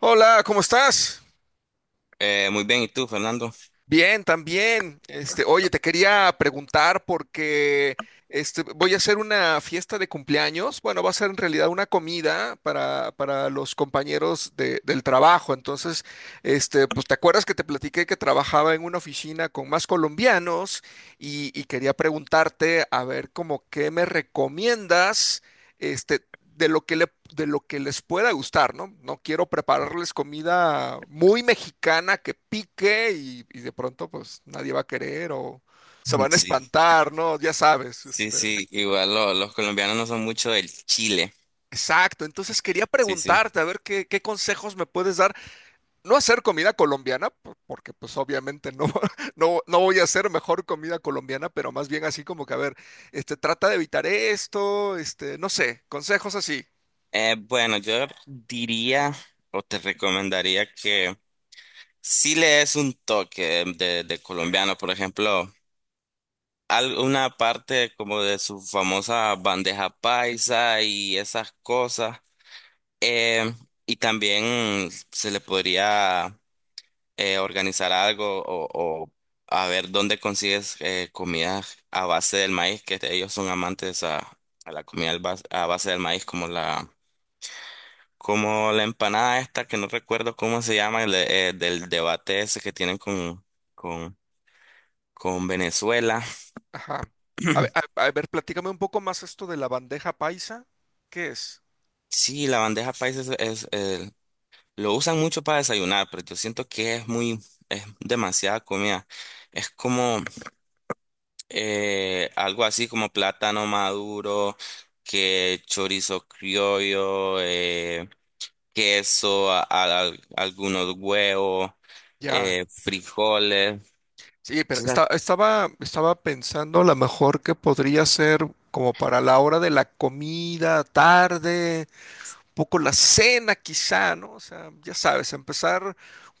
Hola, ¿cómo estás? Muy bien, ¿y tú, Fernando? Bien, también. Oye, te quería preguntar porque voy a hacer una fiesta de cumpleaños. Bueno, va a ser en realidad una comida para los compañeros del trabajo. Entonces, pues te acuerdas que te platiqué que trabajaba en una oficina con más colombianos y quería preguntarte a ver como qué me recomiendas de lo de lo que les pueda gustar, ¿no? No quiero prepararles comida muy mexicana que pique y de pronto pues nadie va a querer o se van a Sí, espantar, ¿no? Ya sabes, sí, este. sí, igual los colombianos no son mucho del Chile. Exacto, entonces quería Sí, sí. preguntarte a ver qué consejos me puedes dar. No hacer comida colombiana, porque pues obviamente no, no voy a hacer mejor comida colombiana, pero más bien así como que a ver, trata de evitar esto, no sé, consejos así. Bueno, yo diría o te recomendaría que sí le des un toque de colombiano, por ejemplo, alguna parte como de su famosa bandeja paisa y esas cosas. Eh, y también se le podría organizar algo o a ver dónde consigues comida a base del maíz, que ellos son amantes a la comida a base del maíz, como la empanada esta, que no recuerdo cómo se llama, del debate ese que tienen con, con Venezuela. Ajá. A ver, a ver, platícame un poco más esto de la bandeja paisa. ¿Qué es? Sí, la bandeja paisa es lo usan mucho para desayunar, pero yo siento que es muy, es demasiada comida. Es como algo así como plátano maduro, que chorizo criollo, queso, algunos huevos, Ya. Frijoles. Sí, pero Sí. ¿Sabes? Estaba pensando a lo mejor que podría ser como para la hora de la comida, tarde, poco la cena quizá, ¿no? O sea, ya sabes, empezar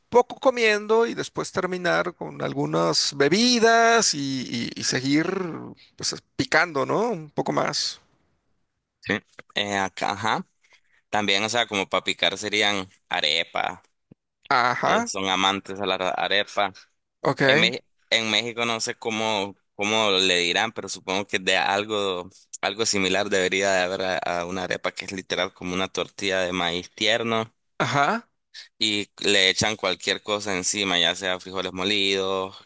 poco comiendo y después terminar con algunas bebidas y seguir pues picando, ¿no? Un poco más. Sí. Acá, ajá. También, o sea, como para picar serían arepa. Ellos Ajá, son amantes a la arepa. En, ok, Mex- en México no sé cómo le dirán, pero supongo que algo similar debería de haber a una arepa que es literal como una tortilla de maíz tierno. ajá, Y le echan cualquier cosa encima, ya sea frijoles molidos,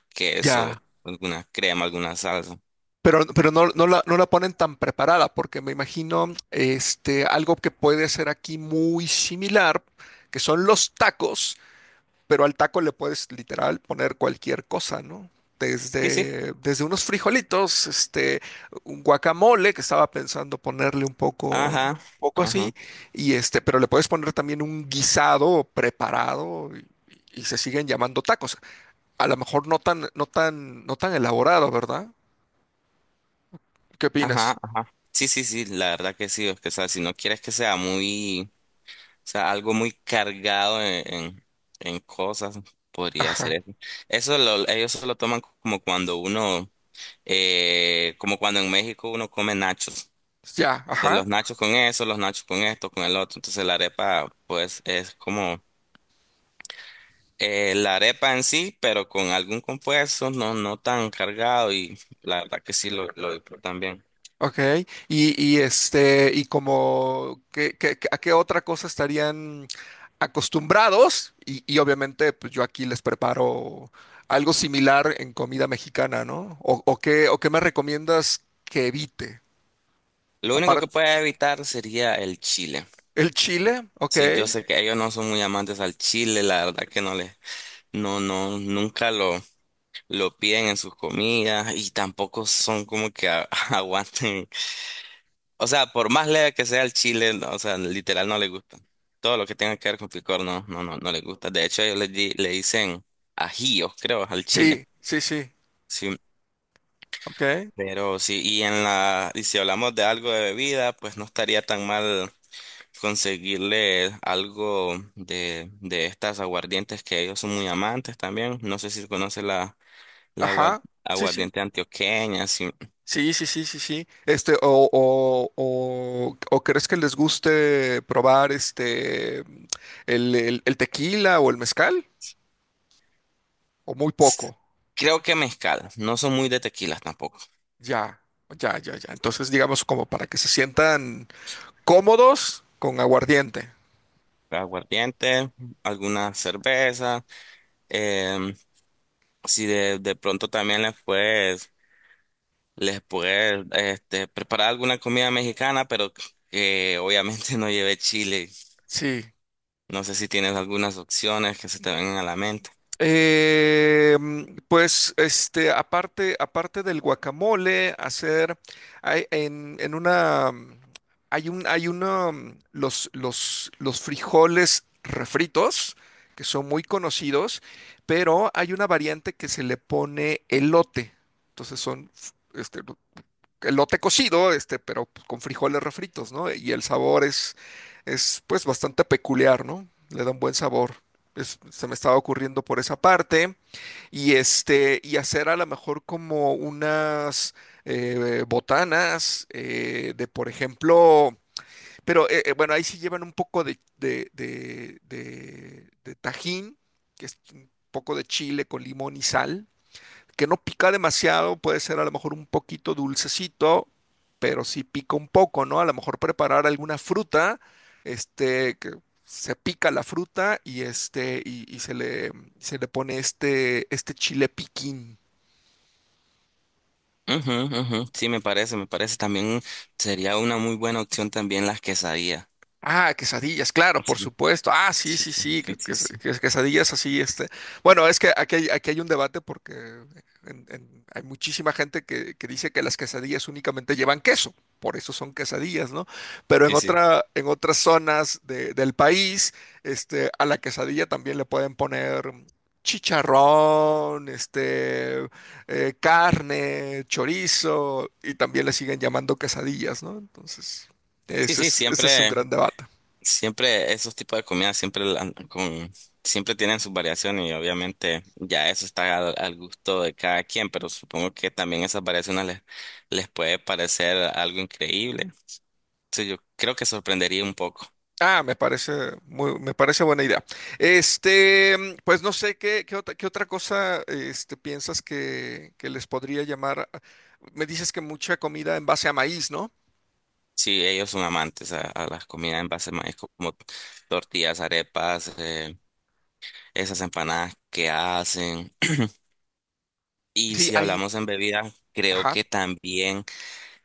ya. queso, alguna crema, alguna salsa. Pero no, no la ponen tan preparada, porque me imagino este, algo que puede ser aquí muy similar, que son los tacos, pero al taco le puedes literal poner cualquier cosa, ¿no? Sí, sí. Desde unos frijolitos, un guacamole, que estaba pensando ponerle un Ajá, poco así, ajá, y pero le puedes poner también un guisado preparado y se siguen llamando tacos. A lo mejor no tan, no tan, no tan elaborado, ¿verdad? ¿Qué ajá, opinas? ajá. Sí, sí, sí, la verdad que sí. Es que, o sea, si no quieres que sea muy, o sea, algo muy cargado en cosas, podría ser eso. Ellos se lo toman como cuando uno, como cuando en México uno come nachos. Ya, ajá, Los nachos con eso, los nachos con esto, con el otro. Entonces la arepa, pues, es como la arepa en sí, pero con algún compuesto, no, no tan cargado, y la verdad que sí lo disfrutan bien. ok. Y y como, ¿a qué otra cosa estarían acostumbrados? Y obviamente, pues yo aquí les preparo algo similar en comida mexicana, ¿no? O qué me recomiendas que evite. Lo único que Aparte, puede evitar sería el chile. el chile, ok. Sí, yo sé que ellos no son muy amantes al chile, la verdad que no no, no, nunca lo piden en sus comidas y tampoco son como que aguanten. O sea, por más leve que sea el chile, no, o sea, literal no les gusta. Todo lo que tenga que ver con picor, no, no, no, no les gusta. De hecho, ellos le dicen ajíos, creo, al chile. Sí, sí, sí, Sí, ok. pero sí, y si hablamos de algo de bebida, pues no estaría tan mal conseguirle algo de estas aguardientes que ellos son muy amantes también. No sé si conoce la Ajá, sí, sí. aguardiente antioqueña, sí. Sí, sí, sí, sí, sí. O crees que les guste probar este el tequila o el mezcal? O muy poco. Creo que mezcal, no son muy de tequilas tampoco. Ya, ya, ya, ya. Entonces, digamos, como para que se sientan cómodos con aguardiente. Aguardiente, alguna cerveza, em, si de pronto también les puedes Les pude este, preparar alguna comida mexicana, pero que obviamente no lleve chile. Sí. No sé si tienes algunas opciones que se te vengan a la mente. Pues, aparte del guacamole, hay, en una, hay un, hay uno los frijoles refritos, que son muy conocidos, pero hay una variante que se le pone elote. Entonces son, este, elote cocido, pero pues, con frijoles refritos, ¿no? Y el sabor es pues bastante peculiar, ¿no? Le da un buen sabor. Se me estaba ocurriendo por esa parte. Y y hacer a lo mejor como unas botanas de, por ejemplo, pero bueno, ahí sí llevan un poco de tajín, que es un poco de chile con limón y sal que no pica demasiado, puede ser a lo mejor un poquito dulcecito, pero sí pica un poco, ¿no? A lo mejor preparar alguna fruta, que se pica la fruta y y se le pone este, este chile piquín. Ujú, ujú. Sí, me parece, me parece. También sería una muy buena opción también las quesadillas. Ah, quesadillas, claro, por Sí, supuesto. Ah, sí, sí, sí, sí, sí, sí, sí. Quesadillas así, este. Bueno, es que aquí hay un debate porque hay muchísima gente que dice que las quesadillas únicamente llevan queso, por eso son quesadillas, ¿no? Pero en Sí, sí, otra, en otras zonas del país, a la quesadilla también le pueden poner chicharrón, carne, chorizo, y también le siguen llamando quesadillas, ¿no? Entonces, sí, sí, sí, ese es un siempre. gran debate. Siempre esos tipos de comidas siempre la- con siempre tienen sus variaciones y obviamente ya eso está al gusto de cada quien, pero supongo que también esas variaciones les puede parecer algo increíble. Sí, yo creo que sorprendería un poco Ah, me parece muy, me parece buena idea. Pues no sé qué otra cosa este, piensas que les podría llamar. Me dices que mucha comida en base a maíz, ¿no? si ellos son amantes a las comidas en base a maíz como tortillas, arepas, esas empanadas que hacen. Y Sí, si hay, hablamos en bebidas, creo ajá. que también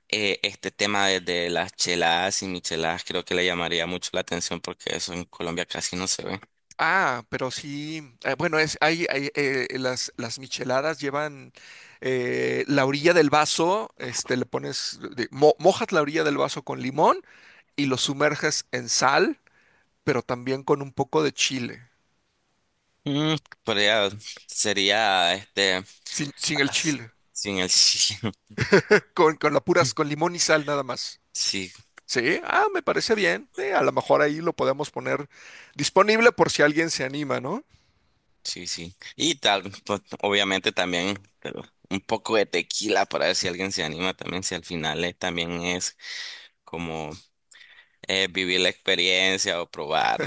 este tema de las cheladas y micheladas creo que le llamaría mucho la atención porque eso en Colombia casi no se ve. Ah, pero sí, bueno, es, hay, las micheladas llevan la orilla del vaso, le pones, mojas la orilla del vaso con limón y lo sumerges en sal, pero también con un poco de chile, Mm, podría- sería este sin el as- chile. sin el chile. Con la puras, con limón y sal nada más. Sí, Sí, ah, me parece bien. A lo mejor ahí lo podemos poner disponible por si alguien se anima, ¿no? sí, sí. Y tal, pues, obviamente también pero un poco de tequila para ver si alguien se anima también, si al final también es como vivir la experiencia o probar.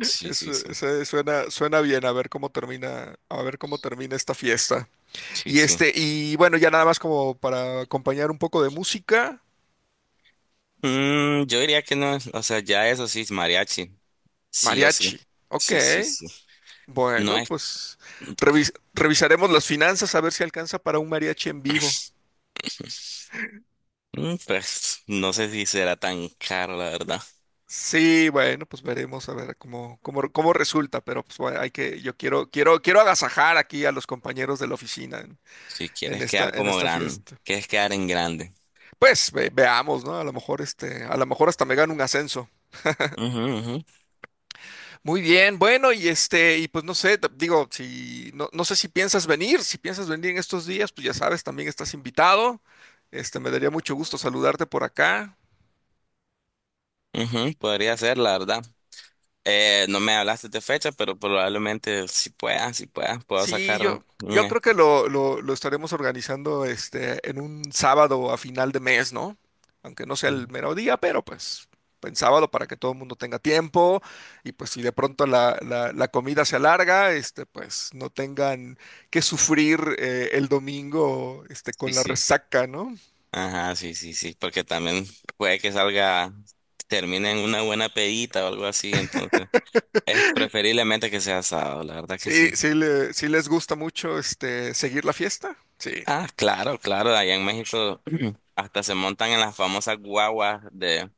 Sí, sí, Eso, sí, eso suena, suena bien, a ver cómo termina, a ver cómo termina esta fiesta. sí, Y sí. Y bueno, ya nada más como para acompañar un poco de música, Mm, yo diría que no, o sea, ya eso sí es mariachi. Sí o sí. mariachi. Ok, Sí, sí, sí. No bueno, es, pues revisaremos las finanzas a ver si alcanza para un mariachi en vivo. mm, pues, no sé si será tan caro, la verdad. Sí, bueno, pues veremos a ver cómo, cómo, cómo resulta, pero pues bueno, hay que, yo quiero, quiero, quiero agasajar aquí a los compañeros de la oficina Si quieres quedar en como esta grande, fiesta. quieres quedar en grande. Pues veamos, ¿no? A lo mejor a lo mejor hasta me gano un ascenso. Ujú, Muy bien, bueno, y y pues no sé, digo, si no, no sé si piensas venir, si piensas venir en estos días, pues ya sabes, también estás invitado. Me daría mucho gusto saludarte por acá. ujú, ujú, podría ser, la verdad. No me hablaste de fecha, pero probablemente si puedas, puedo Sí, sacar yo, un... yo es- creo que lo estaremos organizando en un sábado a final de mes, ¿no? Aunque no sea mm, el mero día, pero pues en sábado para que todo el mundo tenga tiempo y pues si de pronto la comida se alarga, pues no tengan que sufrir el domingo este, sí, con la sí. resaca, ¿no? Ajá, sí, sí, sí, porque también puede que salga, termine en una buena pedita o algo así, entonces es preferiblemente que sea sábado, la verdad que Sí, sí. sí, sí les gusta mucho este, seguir la fiesta. Sí, Ah, claro, claro, allá en México hasta se montan en las famosas guaguas de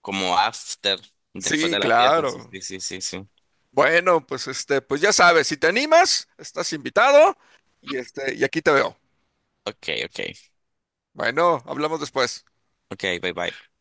como after, después sí, de la fiesta. Sí, claro. sí, sí, sí. Sí. Bueno, pues pues ya sabes, si te animas, estás invitado y y aquí te veo. Ok, ok. Bueno, hablamos después. Ok, bye bye.